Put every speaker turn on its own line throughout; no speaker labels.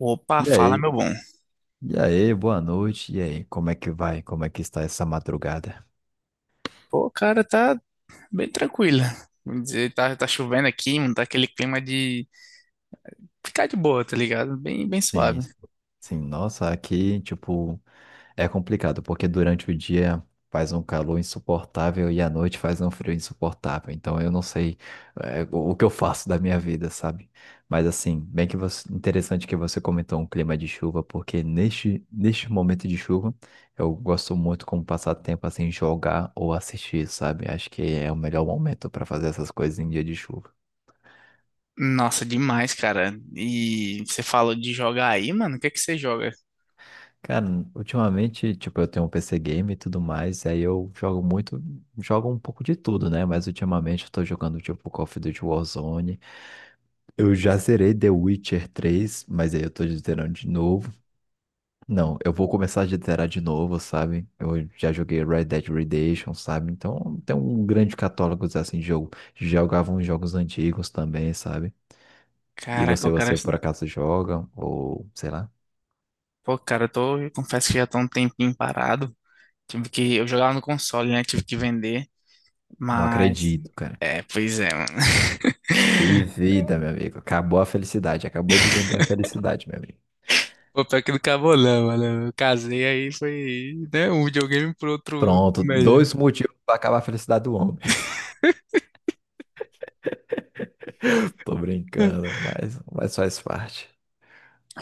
Opa,
E
fala,
aí,
meu bom.
boa noite, e aí, como é que vai? Como é que está essa madrugada?
Pô, cara, tá bem tranquila. Vamos dizer, tá, tá chovendo aqui, não tá aquele clima de ficar de boa, tá ligado? Bem, bem
Sim,
suave.
sim, nossa, aqui, tipo, é complicado, porque durante o dia faz um calor insuportável e à noite faz um frio insuportável. Então eu não sei o que eu faço da minha vida, sabe? Mas assim, interessante que você comentou um clima de chuva, porque neste momento de chuva eu gosto muito como passar tempo assim jogar ou assistir, sabe? Acho que é o melhor momento para fazer essas coisas em dia de chuva.
Nossa, demais, cara. E você falou de jogar aí, mano? O que é que você joga?
Cara, ultimamente, tipo, eu tenho um PC game e tudo mais, aí eu jogo muito, jogo um pouco de tudo, né? Mas ultimamente eu tô jogando, tipo, Call of Duty Warzone. Eu já zerei The Witcher três, mas aí eu tô zerando de novo. Não, eu vou começar a zerar de novo, sabe? Eu já joguei Red Dead Redemption, sabe? Então, tem um grande catálogo, assim, de jogo. Jogava uns jogos antigos também, sabe? E
Caraca,
você,
eu quero.
por acaso joga? Ou, sei lá?
Pô, cara, eu tô. Eu confesso que já tô um tempinho parado. Tive que. Eu jogava no console, né? Tive que vender.
Não
Mas.
acredito.
É, pois é, mano.
Que vida, meu amigo. Acabou a felicidade. Acabou de vender a felicidade, meu amigo.
Pô, pior que não acabou não, mano. Eu casei aí, foi, né, um videogame pro outro
Pronto,
melhor.
dois motivos para acabar a felicidade do homem. Tô brincando, mas, faz parte.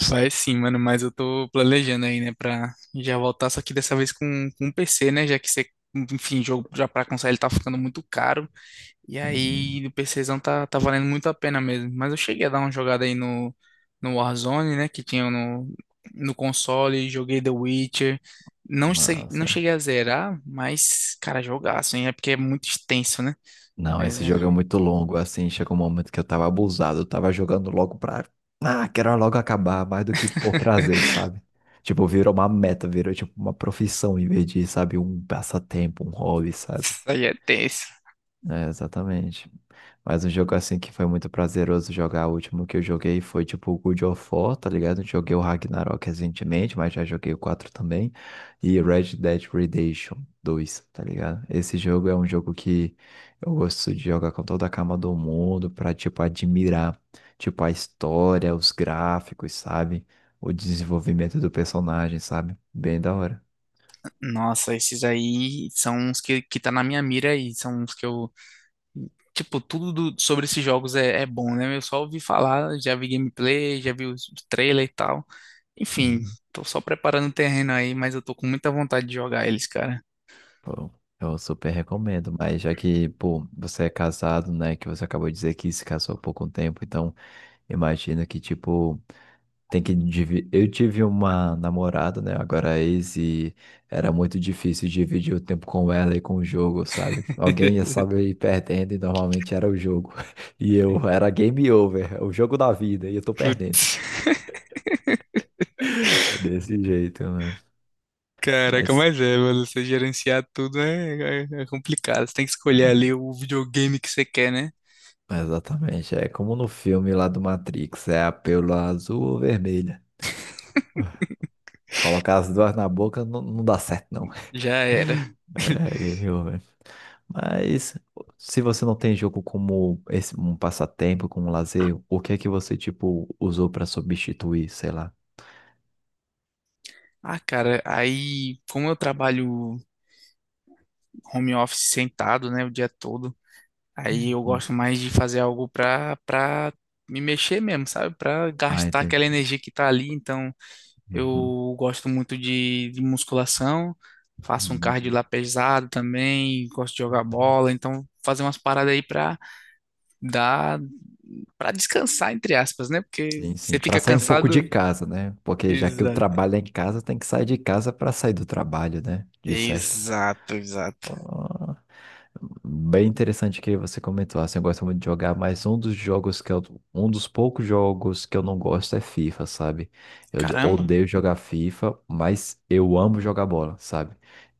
Faz sim, mano, mas eu tô planejando aí, né, pra já voltar, só que dessa vez com, um PC, né, já que você, enfim, jogo já pra console tá ficando muito caro, e
Sim,
aí o PCzão tá, tá valendo muito a pena mesmo. Mas eu cheguei a dar uma jogada aí no, no Warzone, né, que tinha no, no console, joguei The Witcher, não, sei- não
nossa.
cheguei a zerar, mas, cara, jogaço, hein, é porque é muito extenso, né,
Não,
mas
esse jogo é
é.
muito longo, assim, chegou um momento que eu tava abusado, eu tava jogando logo pra... Ah, quero logo acabar, mais do que por prazer, sabe? Tipo, virou uma meta, virou tipo uma profissão em vez de, sabe, um passatempo, um hobby, sabe?
Isso aí é tenso.
É, exatamente. Mas um jogo assim que foi muito prazeroso jogar, o último que eu joguei foi tipo o God of War, tá ligado? Joguei o Ragnarok recentemente, mas já joguei o 4 também. E Red Dead Redemption dois, tá ligado? Esse jogo é um jogo que eu gosto de jogar com toda a calma do mundo pra, tipo, admirar, tipo, a história, os gráficos, sabe? O desenvolvimento do personagem, sabe? Bem da hora.
Nossa, esses aí são uns que tá na minha mira aí. São uns que eu. Tipo, tudo do- sobre esses jogos é, é bom, né? Eu só ouvi falar, já vi gameplay, já vi os- o trailer e tal. Enfim, tô só preparando o terreno aí, mas eu tô com muita vontade de jogar eles, cara.
Pô, eu super recomendo, mas já que, pô, você é casado, né, que você acabou de dizer que se casou há pouco tempo, então imagino que, tipo, tem que... dividir. Eu tive uma namorada, né, agora é ex, e era muito difícil dividir o tempo com ela e com o jogo, sabe? Alguém ia saber ir perdendo e normalmente era o jogo. E eu era game over, é o jogo da vida, e eu tô perdendo.
Putz,
Desse jeito, né?
caraca,
Mas...
mas é, mano. Você gerenciar tudo é, é, é complicado. Você tem que escolher ali o videogame que você quer, né?
exatamente. É como no filme lá do Matrix, é a pílula azul ou vermelha. Colocar as duas na boca não, dá certo, não.
Já era.
É, eu, velho. Mas se você não tem jogo como esse, um passatempo, como um lazer, o que é que você, tipo, usou pra substituir, sei lá?
Ah, cara, aí, como eu trabalho home office sentado, né, o dia todo, aí eu
Uhum.
gosto mais de fazer algo pra, pra me mexer mesmo, sabe? Pra
Ah,
gastar aquela
entendi.
energia que tá ali. Então,
Uhum.
eu gosto muito de musculação, faço um cardio
Uhum.
lá pesado também, gosto de jogar bola. Então, fazer umas paradas aí pra dar, pra descansar, entre aspas, né? Porque
Sim,
você
sim. Pra
fica
sair um pouco de
cansado.
casa, né? Porque já que o
Exato.
trabalho é em casa, tem que sair de casa pra sair do trabalho, né? De certo.
Exato, exato.
Ah, bem interessante que você comentou, assim, eu gosto muito de jogar, mas um dos jogos que eu, um dos poucos jogos que eu não gosto é FIFA, sabe? Eu de-
Caramba,
odeio jogar FIFA, mas eu amo jogar bola, sabe?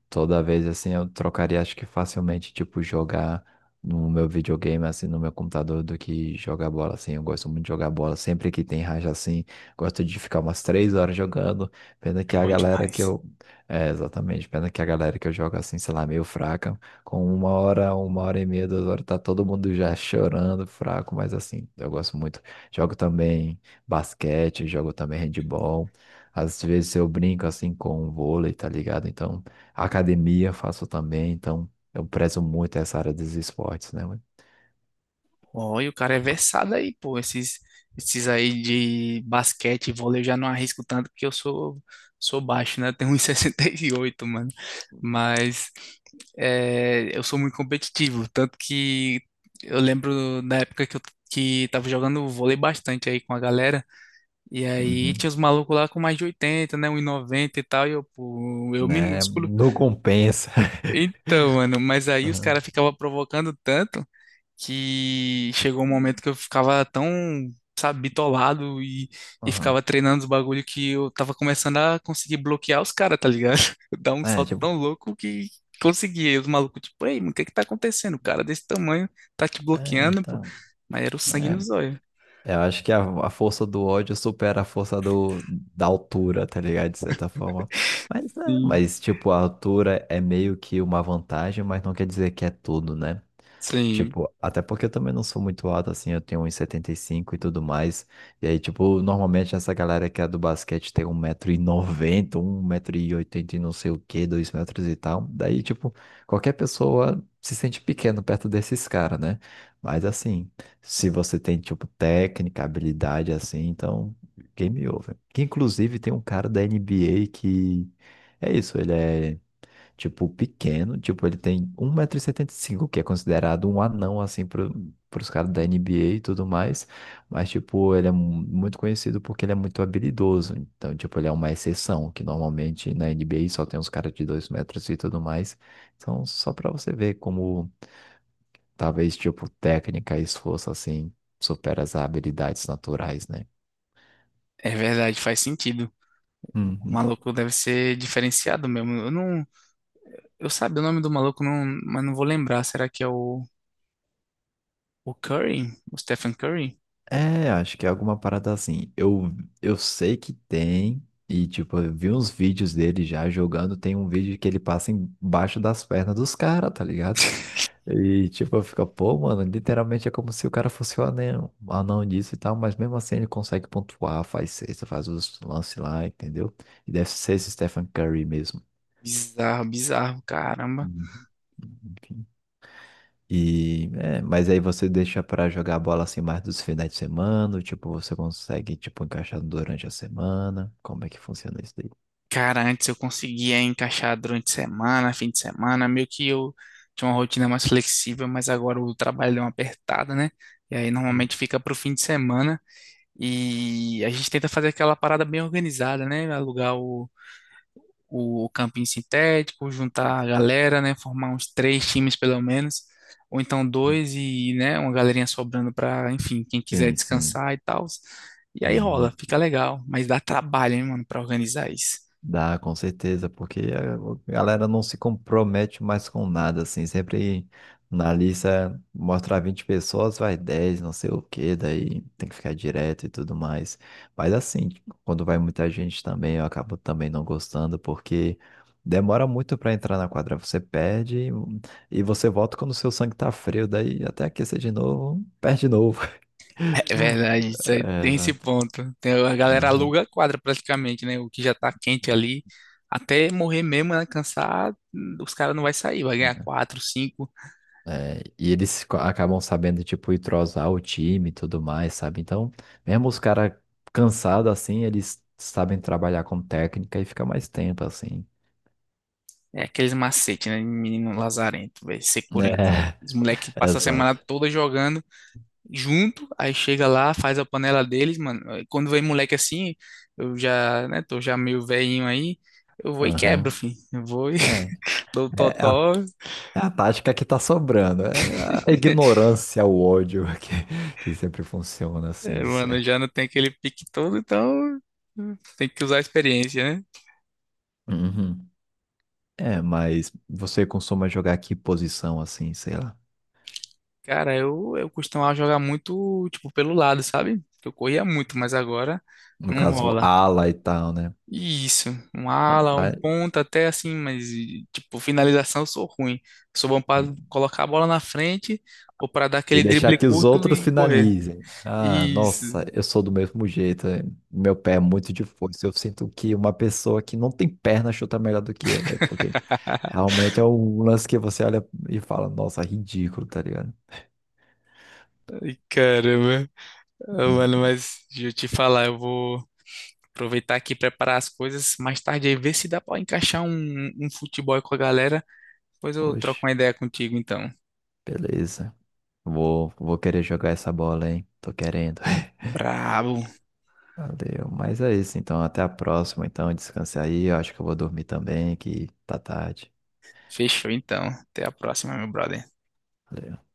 Toda vez assim eu trocaria, acho que facilmente, tipo, jogar no meu videogame, assim, no meu computador, do que jogar bola, assim. Eu gosto muito de jogar bola. Sempre que tem raja, assim, gosto de ficar umas 3 horas jogando. Pena
é
que a
bom
galera
demais.
que eu. É, exatamente. Pena que a galera que eu jogo, assim, sei lá, meio fraca. Com 1 hora, 1 hora e meia, 2 horas, tá todo mundo já chorando, fraco, mas assim, eu gosto muito. Jogo também basquete, jogo também handball. Às vezes eu brinco, assim, com vôlei, tá ligado? Então. Academia faço também, então eu prezo muito essa área dos esportes, né, mano?
Olha, o cara é versado aí, pô. Esses, esses aí de basquete e vôlei eu já não arrisco tanto porque eu sou, sou baixo, né? Eu tenho 1,68, mano. Mas é, eu sou muito competitivo. Tanto que eu lembro da época que eu que tava jogando vôlei bastante aí com a galera. E aí tinha
Uhum.
os malucos lá com mais de 80, né? Um 1,90 e tal. E eu, pô, eu
Né?
minúsculo.
Não compensa.
Então, mano, mas aí os
Aham.
caras ficavam provocando tanto. Que chegou um momento que eu ficava tão, sabe, bitolado e
Aham.
ficava treinando os bagulho que eu tava começando a conseguir bloquear os caras, tá ligado? Dar um
É,
salto
tipo,
tão louco que conseguia E os malucos, tipo, ei, mano, o que que tá acontecendo? O cara desse tamanho tá te
é,
bloqueando, pô.
então.
Mas era o sangue
é,
nos olhos.
é, eu acho que a força do ódio supera a força da altura, tá ligado? De certa forma. Mas,
Sim.
mas, tipo, a altura é meio que uma vantagem, mas não quer dizer que é tudo, né?
Sim.
Tipo, até porque eu também não sou muito alto, assim, eu tenho um e setenta e cinco e tudo mais. E aí, tipo, normalmente essa galera que é do basquete tem 1,90 m, 1,80 m e não sei o quê, 2 metros e tal. Daí, tipo, qualquer pessoa se sente pequeno perto desses caras, né? Mas assim. Se você tem, tipo, técnica, habilidade assim, então game over. Que inclusive tem um cara da NBA que é isso, ele é tipo pequeno, tipo, ele tem 1,75 m, que é considerado um anão assim pro, pros caras da NBA e tudo mais, mas tipo, ele é mu- muito conhecido porque ele é muito habilidoso. Então, tipo, ele é uma exceção, que normalmente na NBA só tem uns caras de 2 metros e tudo mais. Então, só pra você ver como talvez, tipo, técnica e esforço, assim, supera as habilidades naturais, né?
É verdade, faz sentido. O
Uhum.
maluco deve ser diferenciado mesmo. Eu não, eu sabe o nome do maluco, não, mas não vou lembrar. Será que é o Curry? O Stephen Curry?
É, acho que é alguma parada assim. Eu, sei que tem, e tipo, eu vi uns vídeos dele já jogando. Tem um vídeo que ele passa embaixo das pernas dos caras, tá ligado? E tipo, eu fico, pô, mano, literalmente é como se o cara fosse o anão, anão disso e tal, mas mesmo assim ele consegue pontuar, faz cesta, faz os lances lá, entendeu? E deve ser esse Stephen Curry mesmo.
Bizarro, bizarro, caramba.
Uhum. Enfim. Mas aí você deixa pra jogar a bola assim mais dos finais de semana, ou, tipo, você consegue tipo encaixar durante a semana. Como é que funciona isso daí?
Cara, antes eu conseguia encaixar durante semana, fim de semana, meio que eu tinha uma rotina mais flexível, mas agora o trabalho deu uma apertada, né? E aí normalmente fica pro fim de semana e a gente tenta fazer aquela parada bem organizada, né? Alugar o campinho sintético, juntar a galera, né, formar uns três times pelo menos, ou então dois e, né, uma galerinha sobrando para, enfim, quem quiser
Tem, sim.
descansar e tal. E aí rola,
Uhum.
fica legal, mas dá trabalho, hein, mano, para organizar isso.
Dá, com certeza, porque a galera não se compromete mais com nada, assim, sempre na lista mostrar 20 pessoas, vai 10 não sei o quê, daí tem que ficar direto e tudo mais. Mas assim, quando vai muita gente também, eu acabo também não gostando, porque demora muito para entrar na quadra, você perde e você volta quando o seu sangue tá frio, daí até aquecer de novo, perde de novo.
É verdade, isso aí,
É,
tem esse
exato.
ponto. Tem, a galera aluga a quadra praticamente, né? O que já tá quente ali, até morrer mesmo, né, cansar, os caras não vai sair, vai ganhar
Aham.
quatro, cinco
É, e eles co- acabam sabendo, tipo, entrosar o time e tudo mais, sabe? Então, mesmo os caras cansados, assim, eles sabem trabalhar com técnica e fica mais tempo, assim.
é aqueles macetes, né? de Menino lazarento, velho.
É,
Securento. Os moleques passam a semana
exato.
toda jogando junto, aí chega lá, faz a panela deles, mano. Aí quando vem moleque assim, eu já, né, tô já meio velhinho aí, eu vou e quebro,
Aham.
filho. Eu vou e
É,
dou
é
totó.
é a tática que tá sobrando. É a ignorância, o ódio que sempre funciona, assim,
É,
de
mano, eu
certo.
já não tenho aquele pique todo, então tem que usar a experiência, né?
Uhum. É, mas você costuma jogar que posição, assim, sei lá.
Cara, eu costumava jogar muito, tipo, pelo lado, sabe? Eu corria muito, mas agora
No
não
caso,
rola.
ala e tal, né?
Isso, um ala, um
Rapaz.
ponta até assim, mas e, tipo, finalização eu sou ruim. Sou bom para colocar a bola na frente ou para dar aquele
E deixar
drible
que os
curto
outros
e correr.
finalizem. Ah,
Isso.
nossa, eu sou do mesmo jeito. Meu pé é muito de força. Eu sinto que uma pessoa que não tem perna chuta melhor do que eu, velho. Porque realmente é um lance que você olha e fala, nossa, ridículo, tá ligado?
Ai, caramba. Ah, mano,
Enfim,
mas deixa eu te falar, eu vou aproveitar aqui e preparar as coisas mais tarde aí, ver se dá para encaixar um, um futebol aí com a galera. Depois eu troco
oxe,
uma ideia contigo então.
beleza. Vou, querer jogar essa bola, hein? Tô querendo.
Brabo.
Valeu. Mas é isso, então. Até a próxima. Então, descanse aí. Eu acho que eu vou dormir também, que tá tarde.
Fechou então. Até a próxima, meu brother.
Valeu.